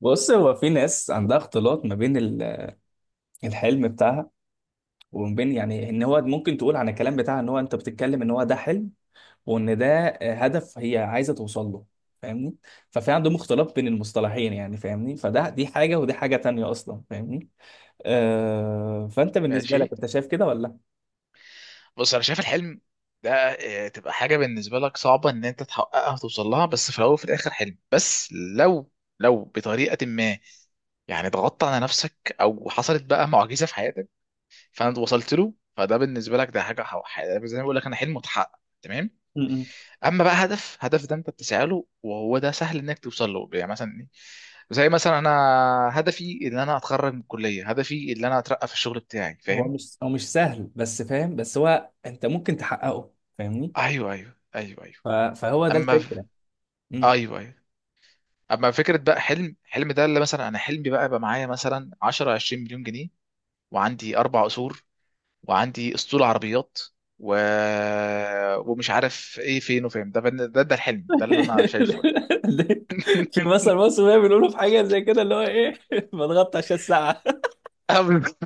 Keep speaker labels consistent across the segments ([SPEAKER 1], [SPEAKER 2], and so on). [SPEAKER 1] بص هو في ناس عندها اختلاط ما بين الحلم بتاعها، وما بين يعني ان هو ممكن تقول عن الكلام بتاعها ان هو انت بتتكلم ان هو ده حلم، وان ده هدف هي عايزه توصل له. فاهمني؟ ففي عندهم اختلاط بين المصطلحين، يعني فاهمني، فده دي حاجه ودي حاجه تانية اصلا. فاهمني؟ آه، فانت بالنسبه لك
[SPEAKER 2] ماشي.
[SPEAKER 1] انت شايف كده ولا؟
[SPEAKER 2] بص، انا شايف الحلم ده تبقى حاجه بالنسبه لك صعبه ان انت تحققها وتوصل لها، بس في الاول وفي الاخر حلم بس. لو لو بطريقه ما يعني ضغطت على نفسك او حصلت بقى معجزه في حياتك، فانت وصلت له. فده بالنسبه لك ده حاجه زي ما بقول لك، انا حلم متحقق تمام.
[SPEAKER 1] م- م.
[SPEAKER 2] اما بقى هدف، ده انت بتسعى له وهو ده سهل انك توصل له. يعني مثلا إيه؟ زي مثلا انا هدفي ان انا اتخرج من الكليه، هدفي ان انا اترقى في الشغل بتاعي.
[SPEAKER 1] هو
[SPEAKER 2] فاهم؟
[SPEAKER 1] مش هو مش سهل بس، فاهم؟ بس هو انت ممكن تحققه. فاهمني؟
[SPEAKER 2] ايوه، ايوه، ايوه، ايوه.
[SPEAKER 1] فهو ده
[SPEAKER 2] اما
[SPEAKER 1] الفكره.
[SPEAKER 2] ايوه، ايوه. اما فكره بقى، حلم ده اللي مثلا انا حلمي بقى يبقى معايا مثلا 10 20 مليون جنيه، وعندي اربع قصور، وعندي اسطول عربيات، و... ومش عارف ايه فين وفين. ده ده الحلم ده اللي انا شايفه.
[SPEAKER 1] في مثل مصر بقى بيقولوا في حاجه زي كده، اللي هو ايه، بضغط عشان الساعه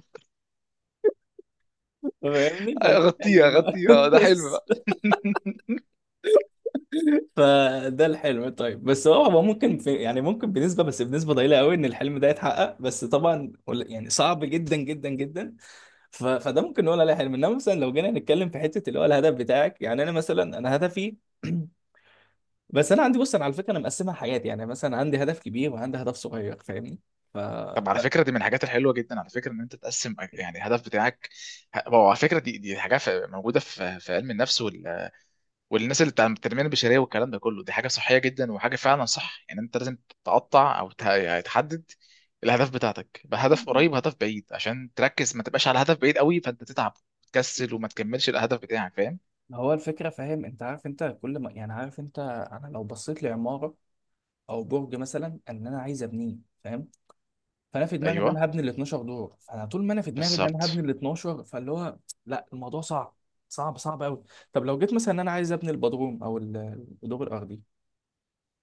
[SPEAKER 1] فاهمني؟ فده
[SPEAKER 2] اغطيها
[SPEAKER 1] الحلم بقى
[SPEAKER 2] اغطيها، ده حلم
[SPEAKER 1] بس.
[SPEAKER 2] بقى.
[SPEAKER 1] فده الحلم. طيب، بس هو هو ممكن في يعني ممكن بنسبه، بس بنسبه ضئيله قوي، ان الحلم ده يتحقق، بس طبعا يعني صعب جدا جدا جدا. فده ممكن نقول عليه حلم، انما مثلا لو جينا نتكلم في حته اللي هو الهدف بتاعك. يعني انا مثلا، انا هدفي بس انا عندي، بص انا على فكره انا مقسمها حاجات، يعني مثلا عندي هدف كبير وعندي هدف صغير. فاهمني؟
[SPEAKER 2] طب على فكره، دي من الحاجات الحلوه جدا على فكره، ان انت تقسم يعني الهدف بتاعك. هو على فكره دي حاجه موجوده في علم النفس، والناس اللي بتاع التنميه البشريه والكلام ده كله، دي حاجه صحيه جدا، وحاجه فعلا صح. يعني انت لازم تقطع او تحدد الاهداف بتاعتك بهدف قريب وهدف بعيد، عشان تركز، ما تبقاش على هدف بعيد قوي فانت تتعب وتكسل
[SPEAKER 1] ف
[SPEAKER 2] وما تكملش الهدف بتاعك. فاهم؟
[SPEAKER 1] هو الفكرة، فاهم انت؟ عارف انت كل ما يعني، عارف انت، انا لو بصيت لعمارة او برج مثلا ان انا عايز ابنيه، فاهم؟ فانا في دماغي ان
[SPEAKER 2] ايوه،
[SPEAKER 1] انا هبني ال 12 دور، فانا طول ما انا في دماغي ان انا هبني
[SPEAKER 2] بالظبط.
[SPEAKER 1] ال 12 فاللي هو، لا الموضوع صعب، صعب قوي. طب لو جيت مثلا ان انا عايز ابني البدروم او الدور الارضي،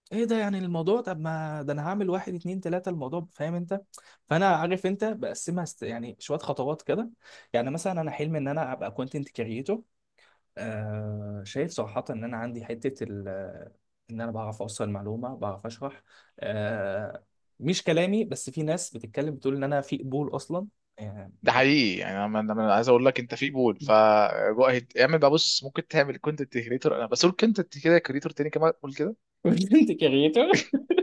[SPEAKER 1] ايه ده يعني الموضوع؟ طب ما ده انا هعمل واحد اتنين تلاتة الموضوع، فاهم انت؟ فانا عارف انت بقسمها يعني شوية خطوات كده. يعني مثلا انا حلمي ان انا ابقى كونتنت كريتور. آه، شايف صراحة إن أنا عندي حتة إن أنا بعرف أوصل معلومة، بعرف أشرح. آه، مش كلامي بس، في ناس بتتكلم بتقول إن أنا في قبول أصلا. آه،
[SPEAKER 2] ده حقيقي، يعني انا أنا- أنا عايز اقول لك، انت في بول، ف جو أهيد. اعمل بقى. بص، ممكن تعمل كونتنت كريتور، انا بس قول كونتنت كده كريتور تاني كمان، قول كده.
[SPEAKER 1] انت كريتور.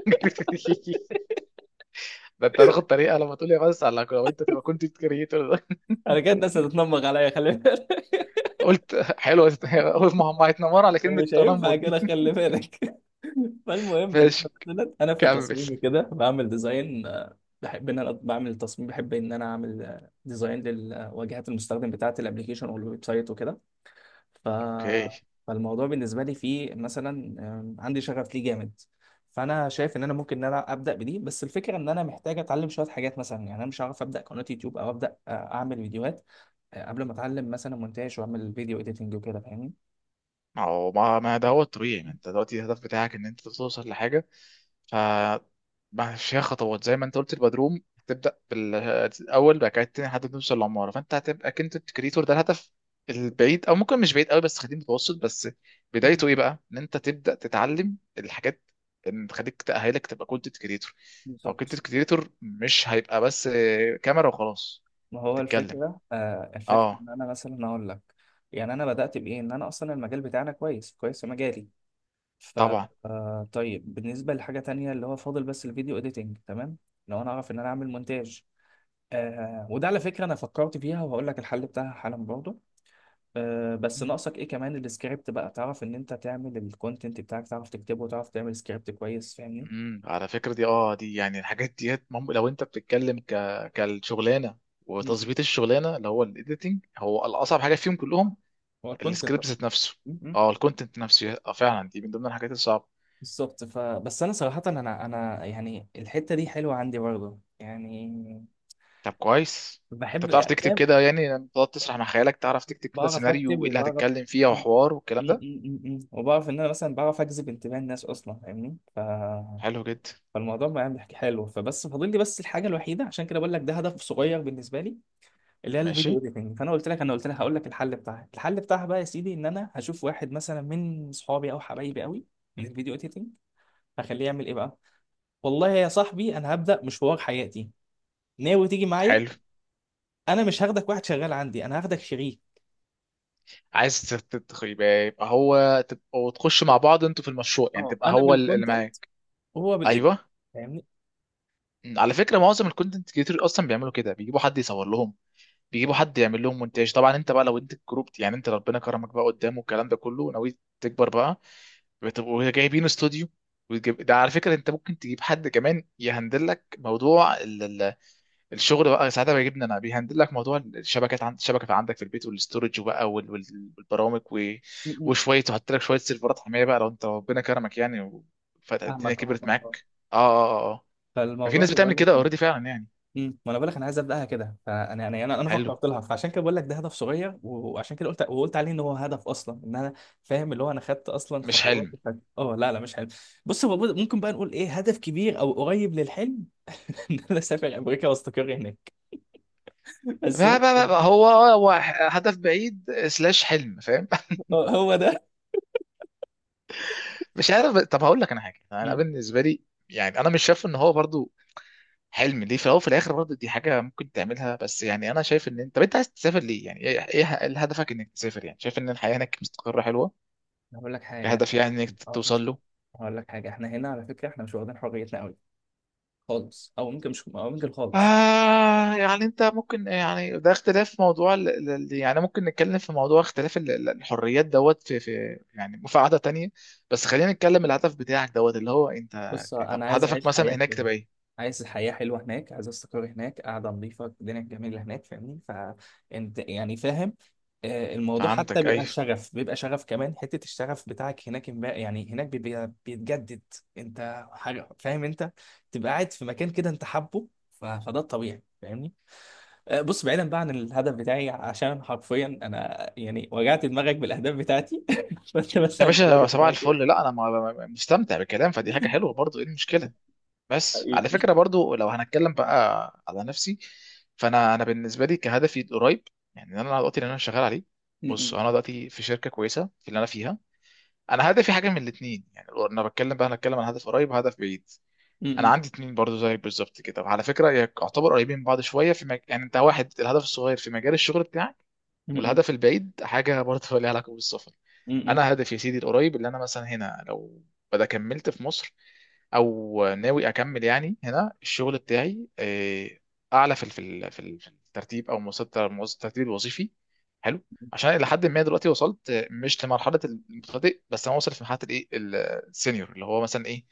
[SPEAKER 2] ده انت هتاخد طريقه لما تقول لي بس، على لو انت تبقى كونتنت كريتور.
[SPEAKER 1] انا كده الناس هتتنمر عليا، خلي بالك.
[SPEAKER 2] قلت حلو اول ما هم هيتنمروا على كلمة
[SPEAKER 1] ومش هينفع
[SPEAKER 2] تنمر
[SPEAKER 1] كده،
[SPEAKER 2] دي.
[SPEAKER 1] خلي بالك. فالمهم ان انا
[SPEAKER 2] ماشي،
[SPEAKER 1] مثلا، انا في
[SPEAKER 2] كمل.
[SPEAKER 1] التصميم كده بعمل ديزاين، بحب ان انا بعمل تصميم، بحب ان انا اعمل ديزاين للواجهات المستخدم بتاعه الابلكيشن او الويب سايت وكده. ف...
[SPEAKER 2] اوكي.
[SPEAKER 1] فالموضوع بالنسبه لي فيه مثلا، عندي شغف ليه جامد. فانا شايف ان انا ممكن ان انا ابدا بدي، بس الفكره ان انا محتاج اتعلم شويه حاجات مثلا. يعني انا مش هعرف ابدا قناه يوتيوب او ابدا اعمل فيديوهات قبل ما اتعلم مثلا مونتاج واعمل فيديو اديتنج وكده. فاهمني؟
[SPEAKER 2] ما هو ما ده هو الطبيعي، ما انت دلوقتي الهدف بتاعك ان انت توصل لحاجه ما فيها خطوات. زي ما انت قلت، البدروم تبدا بالاول، بعد كده التاني، لحد ما توصل للعماره. فانت هتبقى كنت الكريتور، ده الهدف البعيد، او ممكن مش بعيد قوي بس خلينا متوسط بس.
[SPEAKER 1] مم.
[SPEAKER 2] بدايته ايه بقى؟ ان انت تبدا تتعلم الحاجات اللي تخليك تاهلك تبقى كونتنت كريتور. ما هو
[SPEAKER 1] بالظبط.
[SPEAKER 2] كونتنت كريتور مش هيبقى بس كاميرا وخلاص.
[SPEAKER 1] ما هو
[SPEAKER 2] وبتتكلم.
[SPEAKER 1] الفكرة، آه الفكرة
[SPEAKER 2] اه،
[SPEAKER 1] إن أنا مثلا أقول لك يعني أنا بدأت بإيه؟ إن أنا أصلا المجال بتاعنا كويس، كويس في مجالي. ف
[SPEAKER 2] طبعا.
[SPEAKER 1] آه، طيب بالنسبة لحاجة تانية اللي هو فاضل، بس الفيديو اديتنج، تمام؟ لو انا اعرف ان انا اعمل مونتاج، آه وده على فكرة انا فكرت فيها وهقول لك الحل بتاعها حالا برضه. آه، بس ناقصك ايه كمان؟ السكريبت بقى، تعرف ان انت تعمل الكونتنت بتاعك، تعرف تكتبه وتعرف تعمل سكريبت كويس. فاهمني؟
[SPEAKER 2] على فكره، دي يعني الحاجات ديت لو انت بتتكلم كالشغلانه
[SPEAKER 1] م- م.
[SPEAKER 2] وتظبيط الشغلانه، اللي هو الايديتنج هو الاصعب حاجه فيهم كلهم.
[SPEAKER 1] هو الكونتنت
[SPEAKER 2] السكريبت
[SPEAKER 1] أصلاً.
[SPEAKER 2] ذات نفسه.
[SPEAKER 1] م- م.
[SPEAKER 2] اه، الكونتنت نفسه. اه، فعلا دي من ضمن الحاجات الصعبه.
[SPEAKER 1] بالظبط. فبس انا صراحة انا يعني الحتة دي حلوة عندي برضه، يعني
[SPEAKER 2] طب كويس. انت
[SPEAKER 1] بحب،
[SPEAKER 2] بتعرف
[SPEAKER 1] يعني
[SPEAKER 2] تكتب
[SPEAKER 1] فاهم؟
[SPEAKER 2] كده؟ يعني لما تقعد تسرح مع خيالك، تعرف تكتب كده
[SPEAKER 1] بعرف
[SPEAKER 2] سيناريو
[SPEAKER 1] اكتب
[SPEAKER 2] وايه اللي
[SPEAKER 1] وبعرف
[SPEAKER 2] هتتكلم فيه
[SPEAKER 1] م- م-
[SPEAKER 2] وحوار والكلام ده؟
[SPEAKER 1] م- م- م- وبعرف ان انا مثلا بعرف اجذب انتباه الناس اصلا. فاهمني؟
[SPEAKER 2] حلو جدا.
[SPEAKER 1] فالموضوع بقى حكي حلو، فبس فاضل لي بس الحاجه الوحيده، عشان كده بقول لك ده هدف صغير بالنسبه لي، اللي هي الفيديو
[SPEAKER 2] ماشي،
[SPEAKER 1] اديتنج. فانا قلت لك، هقول لك الحل بتاعها. الحل بتاعها بقى يا سيدي ان انا هشوف واحد مثلا من اصحابي او حبايبي قوي من الفيديو اديتنج، هخليه يعمل ايه بقى، والله يا صاحبي انا هبدا مشوار حياتي، ناوي تيجي معايا؟
[SPEAKER 2] حلو.
[SPEAKER 1] انا مش هاخدك واحد شغال عندي، انا هاخدك شريك.
[SPEAKER 2] عايز يبقى هو تبقى وتخش مع بعض انتوا في المشروع، يعني
[SPEAKER 1] اه،
[SPEAKER 2] تبقى
[SPEAKER 1] انا
[SPEAKER 2] هو اللي
[SPEAKER 1] بالكونتنت
[SPEAKER 2] معاك.
[SPEAKER 1] وهو بالايديت.
[SPEAKER 2] ايوه. مم. على فكره، معظم الكونتنت كريتور اصلا بيعملوا كده، بيجيبوا حد يصور لهم، بيجيبوا حد يعمل لهم مونتاج. طبعا انت بقى لو انت الجروب، يعني انت ربنا كرمك بقى قدامه والكلام ده كله، ناوي تكبر بقى، بتبقوا جايبين استوديو. ده على فكره انت ممكن تجيب حد كمان يهندل لك موضوع الشغل بقى ساعتها، بيجيبنا انا بيهندل لك موضوع الشبكات، عند الشبكه عندك في البيت والاستورج وبقى والبرامج
[SPEAKER 1] فاهمني؟
[SPEAKER 2] وشويه، وحط لك شويه سيرفرات حمايه بقى لو انت ربنا كرمك يعني، فالدنيا
[SPEAKER 1] فاهمك، اه
[SPEAKER 2] كبرت
[SPEAKER 1] اه اه.
[SPEAKER 2] معاك. اه، اه، اه، آه. ففي
[SPEAKER 1] فالموضوع
[SPEAKER 2] ناس بتعمل
[SPEAKER 1] بقول
[SPEAKER 2] كده
[SPEAKER 1] لك،
[SPEAKER 2] اوريدي فعلا يعني.
[SPEAKER 1] امم، ما انا بقول لك انا عايز ابداها كده. فانا انا انا انا
[SPEAKER 2] حلو.
[SPEAKER 1] فكرت لها، فعشان كده بقول لك ده هدف صغير، وعشان كده قلت، وقلت عليه ان هو هدف اصلا ان انا فاهم، اللي هو انا خدت اصلا
[SPEAKER 2] مش
[SPEAKER 1] خطوات
[SPEAKER 2] حلم.
[SPEAKER 1] اه لا لا مش حلو. بص هو ممكن بقى نقول ايه، هدف كبير او قريب للحلم، ان انا اسافر امريكا واستقر هناك. بس
[SPEAKER 2] بقى بقى بقى بقى هو هدف بعيد سلاش حلم، فاهم؟
[SPEAKER 1] اه هو ده.
[SPEAKER 2] مش عارف. طب هقول لك انا حاجه، انا
[SPEAKER 1] مم.
[SPEAKER 2] بالنسبه لي يعني انا مش شايف ان هو برضو حلم، ليه؟ في الاول وفي الاخر برضو دي حاجه ممكن تعملها بس. يعني انا شايف ان انت، طب انت عايز تسافر ليه؟ يعني ايه هدفك انك تسافر؟ يعني شايف ان الحياه هناك مستقره حلوه
[SPEAKER 1] هقول لك حاجه
[SPEAKER 2] كهدف، يعني انك توصل له؟
[SPEAKER 1] هقول لك حاجه، احنا هنا على فكره احنا مش واخدين حريتنا قوي، خالص او ممكن مش، او ممكن خالص.
[SPEAKER 2] آه. يعني انت ممكن يعني ده اختلاف موضوع يعني ممكن نتكلم في موضوع اختلاف الحريات دوت في في يعني في قعدة تانية. بس خلينا نتكلم الهدف بتاعك دوت اللي هو انت.
[SPEAKER 1] بص،
[SPEAKER 2] طب
[SPEAKER 1] انا عايز
[SPEAKER 2] هدفك
[SPEAKER 1] اعيش
[SPEAKER 2] مثلا
[SPEAKER 1] حياه
[SPEAKER 2] هناك
[SPEAKER 1] حلوه،
[SPEAKER 2] تبقى ايه؟
[SPEAKER 1] عايز حياه حلوه هناك، عايز استقر هناك، قاعده نظيفه الدنيا الجميله هناك. فاهمني؟ فانت يعني فاهم؟ آه، الموضوع حتى
[SPEAKER 2] فهمتك،
[SPEAKER 1] بيبقى
[SPEAKER 2] ايوه.
[SPEAKER 1] شغف، بيبقى شغف كمان، حته الشغف بتاعك هناك يعني هناك بيبقى بيتجدد. انت حاجه فاهم انت، تبقى قاعد في مكان كده انت حابه، فده الطبيعي. فاهمني؟ آه، بص بعيدا بقى عن الهدف بتاعي، عشان حرفيا انا يعني وجعت دماغك بالاهداف بتاعتي. فانت
[SPEAKER 2] يا
[SPEAKER 1] مثلا، انت
[SPEAKER 2] باشا،
[SPEAKER 1] الهدف
[SPEAKER 2] صباح
[SPEAKER 1] بتاعك
[SPEAKER 2] الفل.
[SPEAKER 1] ايه؟
[SPEAKER 2] لا انا مستمتع بالكلام، فدي حاجة حلوة برضو، ايه المشكلة؟ بس على
[SPEAKER 1] حقيقي.
[SPEAKER 2] فكرة برضو لو هنتكلم بقى على نفسي، فانا انا بالنسبة لي كهدفي قريب. يعني انا دلوقتي اللي انا شغال عليه، بص
[SPEAKER 1] م-
[SPEAKER 2] انا دلوقتي في شركة كويسة في اللي انا فيها. انا هدفي حاجه من الاثنين، يعني لو انا بتكلم بقى انا بتكلم عن هدف قريب وهدف بعيد. انا
[SPEAKER 1] م-
[SPEAKER 2] عندي اتنين برضو زي بالظبط كده، وعلى فكره يعتبر قريبين من بعض شويه في يعني انت واحد، الهدف الصغير في مجال الشغل بتاعك،
[SPEAKER 1] م- م-
[SPEAKER 2] والهدف البعيد حاجه برضو ليها علاقه بالسفر.
[SPEAKER 1] م- م.
[SPEAKER 2] انا هدفي يا سيدي القريب اللي انا مثلا هنا، لو بدا كملت في مصر او ناوي اكمل يعني هنا الشغل بتاعي، اعلى في في الترتيب او مستوى الترتيب الوظيفي. حلو. عشان الى حد ما دلوقتي وصلت، مش لمرحله المبتدئ بس، انا واصل في مرحله الايه السينيور اللي هو مثلا ايه.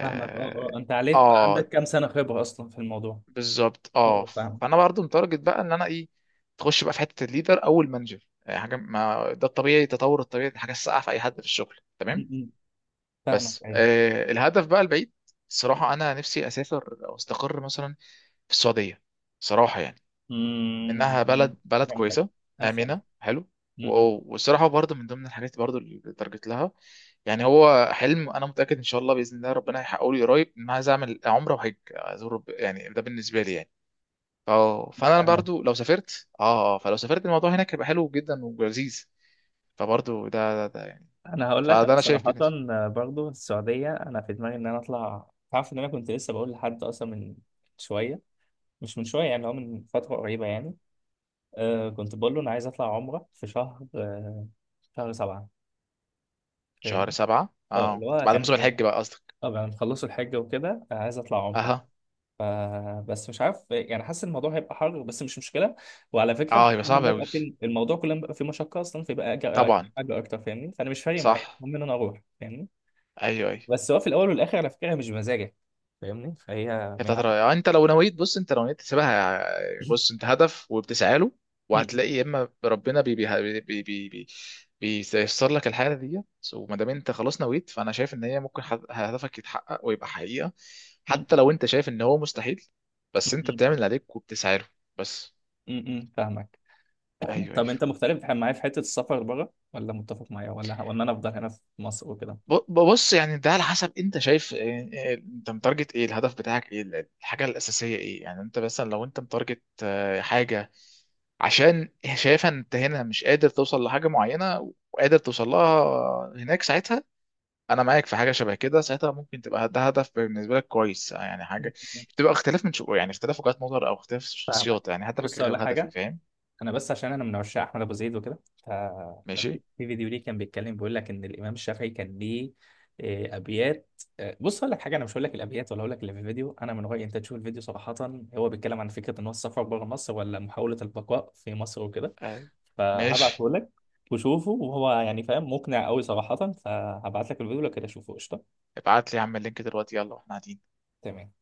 [SPEAKER 1] فاهمك، اه اه. انت عليك بقى، عندك
[SPEAKER 2] آه،
[SPEAKER 1] كام سنة خبرة اصلا في الموضوع؟
[SPEAKER 2] بالظبط
[SPEAKER 1] اه
[SPEAKER 2] اه.
[SPEAKER 1] آه، فاهمك.
[SPEAKER 2] فانا برضو متارجت بقى ان انا ايه، تخش بقى في حته الليدر او المانجر. يعني حاجه، ما ده الطبيعي، التطور الطبيعي دي حاجه الساقعه في اي حد في الشغل
[SPEAKER 1] م-
[SPEAKER 2] تمام.
[SPEAKER 1] م. فاهمك،
[SPEAKER 2] بس
[SPEAKER 1] ايوه.
[SPEAKER 2] الهدف بقى البعيد، الصراحه انا نفسي اسافر او استقر مثلا في السعوديه، صراحه يعني،
[SPEAKER 1] م-
[SPEAKER 2] منها
[SPEAKER 1] م.
[SPEAKER 2] بلد، بلد
[SPEAKER 1] فهمتك،
[SPEAKER 2] كويسه
[SPEAKER 1] انا فهمت.
[SPEAKER 2] امنه حلو.
[SPEAKER 1] م- م.
[SPEAKER 2] والصراحه برضو من ضمن الحاجات برضو اللي تارجت لها. يعني هو حلم، انا متاكد ان شاء الله باذن الله ربنا هيحققه لي قريب، ان أنا عايز اعمل عمره وحج ازور يعني ده بالنسبه لي يعني. اه فانا
[SPEAKER 1] فاهمك.
[SPEAKER 2] برضو لو سافرت، اه اه فلو سافرت، الموضوع هناك هيبقى حلو جدا ولذيذ. فبرضو ده يعني.
[SPEAKER 1] انا هقول لك،
[SPEAKER 2] فده
[SPEAKER 1] انا
[SPEAKER 2] انا شايف
[SPEAKER 1] صراحة
[SPEAKER 2] بالنسبه.
[SPEAKER 1] آه، برضو السعودية انا في دماغي ان انا اطلع. تعرف ان انا كنت لسه بقول لحد اصلا من شوية، مش من شوية يعني، هو من فترة قريبة يعني. آه كنت بقول له انا عايز اطلع عمرة في شهر آه شهر سبعة.
[SPEAKER 2] شهر
[SPEAKER 1] فاهمني؟
[SPEAKER 2] سبعة،
[SPEAKER 1] اه
[SPEAKER 2] اه،
[SPEAKER 1] اللي هو
[SPEAKER 2] بعد
[SPEAKER 1] كان
[SPEAKER 2] موسم
[SPEAKER 1] يعني
[SPEAKER 2] الحج بقى قصدك؟
[SPEAKER 1] طبعا نخلصوا الحج وكده، آه، عايز اطلع عمرة.
[SPEAKER 2] اها.
[SPEAKER 1] ف- بس مش عارف، يعني حاسس الموضوع هيبقى حر، بس مش مشكله. وعلى فكره انت
[SPEAKER 2] اه،
[SPEAKER 1] كل
[SPEAKER 2] يبقى صعب
[SPEAKER 1] لما
[SPEAKER 2] اوي.
[SPEAKER 1] يبقى في الموضوع، كل لما يبقى في مشقه اصلا فيبقى اجر،
[SPEAKER 2] طبعا.
[SPEAKER 1] اجر اكتر. فاهمني؟ فانا مش فارق معايا،
[SPEAKER 2] صح.
[SPEAKER 1] المهم ان انا اروح. فاهمني؟
[SPEAKER 2] ايوه، ايوه.
[SPEAKER 1] بس هو في الاول والاخر على فكره هي مش بمزاجك. فاهمني؟ فهي
[SPEAKER 2] هي
[SPEAKER 1] من
[SPEAKER 2] بتاعت
[SPEAKER 1] عند
[SPEAKER 2] الرأي. انت لو نويت، بص انت لو نويت تسيبها، بص انت هدف وبتسعى له،
[SPEAKER 1] م-
[SPEAKER 2] وهتلاقي يا اما ربنا بي بي بي بي بي بيسر لك الحاجه دي. وما دام انت خلاص نويت، فانا شايف ان هي ممكن هدفك يتحقق ويبقى حقيقه، حتى
[SPEAKER 1] م-
[SPEAKER 2] لو انت شايف ان هو مستحيل. بس انت
[SPEAKER 1] م-
[SPEAKER 2] بتعمل اللي عليك وبتسعى له بس.
[SPEAKER 1] م- م- فاهمك.
[SPEAKER 2] ايوه،
[SPEAKER 1] طب
[SPEAKER 2] ايوه.
[SPEAKER 1] انت مختلف معايا في حته السفر بره ولا متفق معايا، ولا ولا انا افضل هنا في مصر وكده؟
[SPEAKER 2] ب- بص يعني ده على حسب انت شايف انت متارجت ايه، الهدف بتاعك ايه، الحاجه الاساسيه ايه. يعني انت مثلا لو انت متارجت حاجه عشان شايفها ان انت هنا مش قادر توصل لحاجه معينه وقادر توصل لها هناك، ساعتها انا معاك في حاجه شبه كده. ساعتها ممكن تبقى ده هدف بالنسبه لك كويس، يعني حاجه بتبقى اختلاف من شو، يعني اختلاف وجهات نظر او اختلاف
[SPEAKER 1] فاهمك.
[SPEAKER 2] شخصيات، يعني هدفك
[SPEAKER 1] بص، ولا
[SPEAKER 2] غير هدفي.
[SPEAKER 1] حاجه،
[SPEAKER 2] فاهم؟
[SPEAKER 1] انا بس عشان انا من عشاق احمد ابو زيد وكده، فكان في
[SPEAKER 2] ماشي.
[SPEAKER 1] فيديو ليه كان بيتكلم بيقول لك ان الامام الشافعي كان ليه ابيات. آه، بص اقول لك حاجه، انا مش هقول لك الابيات ولا هقول لك اللي في الفيديو، انا من رايي انت تشوف الفيديو صراحه. هو بيتكلم عن فكره ان هو السفر بره مصر ولا محاوله البقاء في مصر وكده.
[SPEAKER 2] آه. ماشي.
[SPEAKER 1] فهبعته لك وشوفه، وهو يعني فاهم، مقنع قوي صراحه. فهبعت لك الفيديو لو كده، شوفه قشطه.
[SPEAKER 2] ابعت لي يا عم اللينك دلوقتي، يلا، واحنا قاعدين.
[SPEAKER 1] تمام.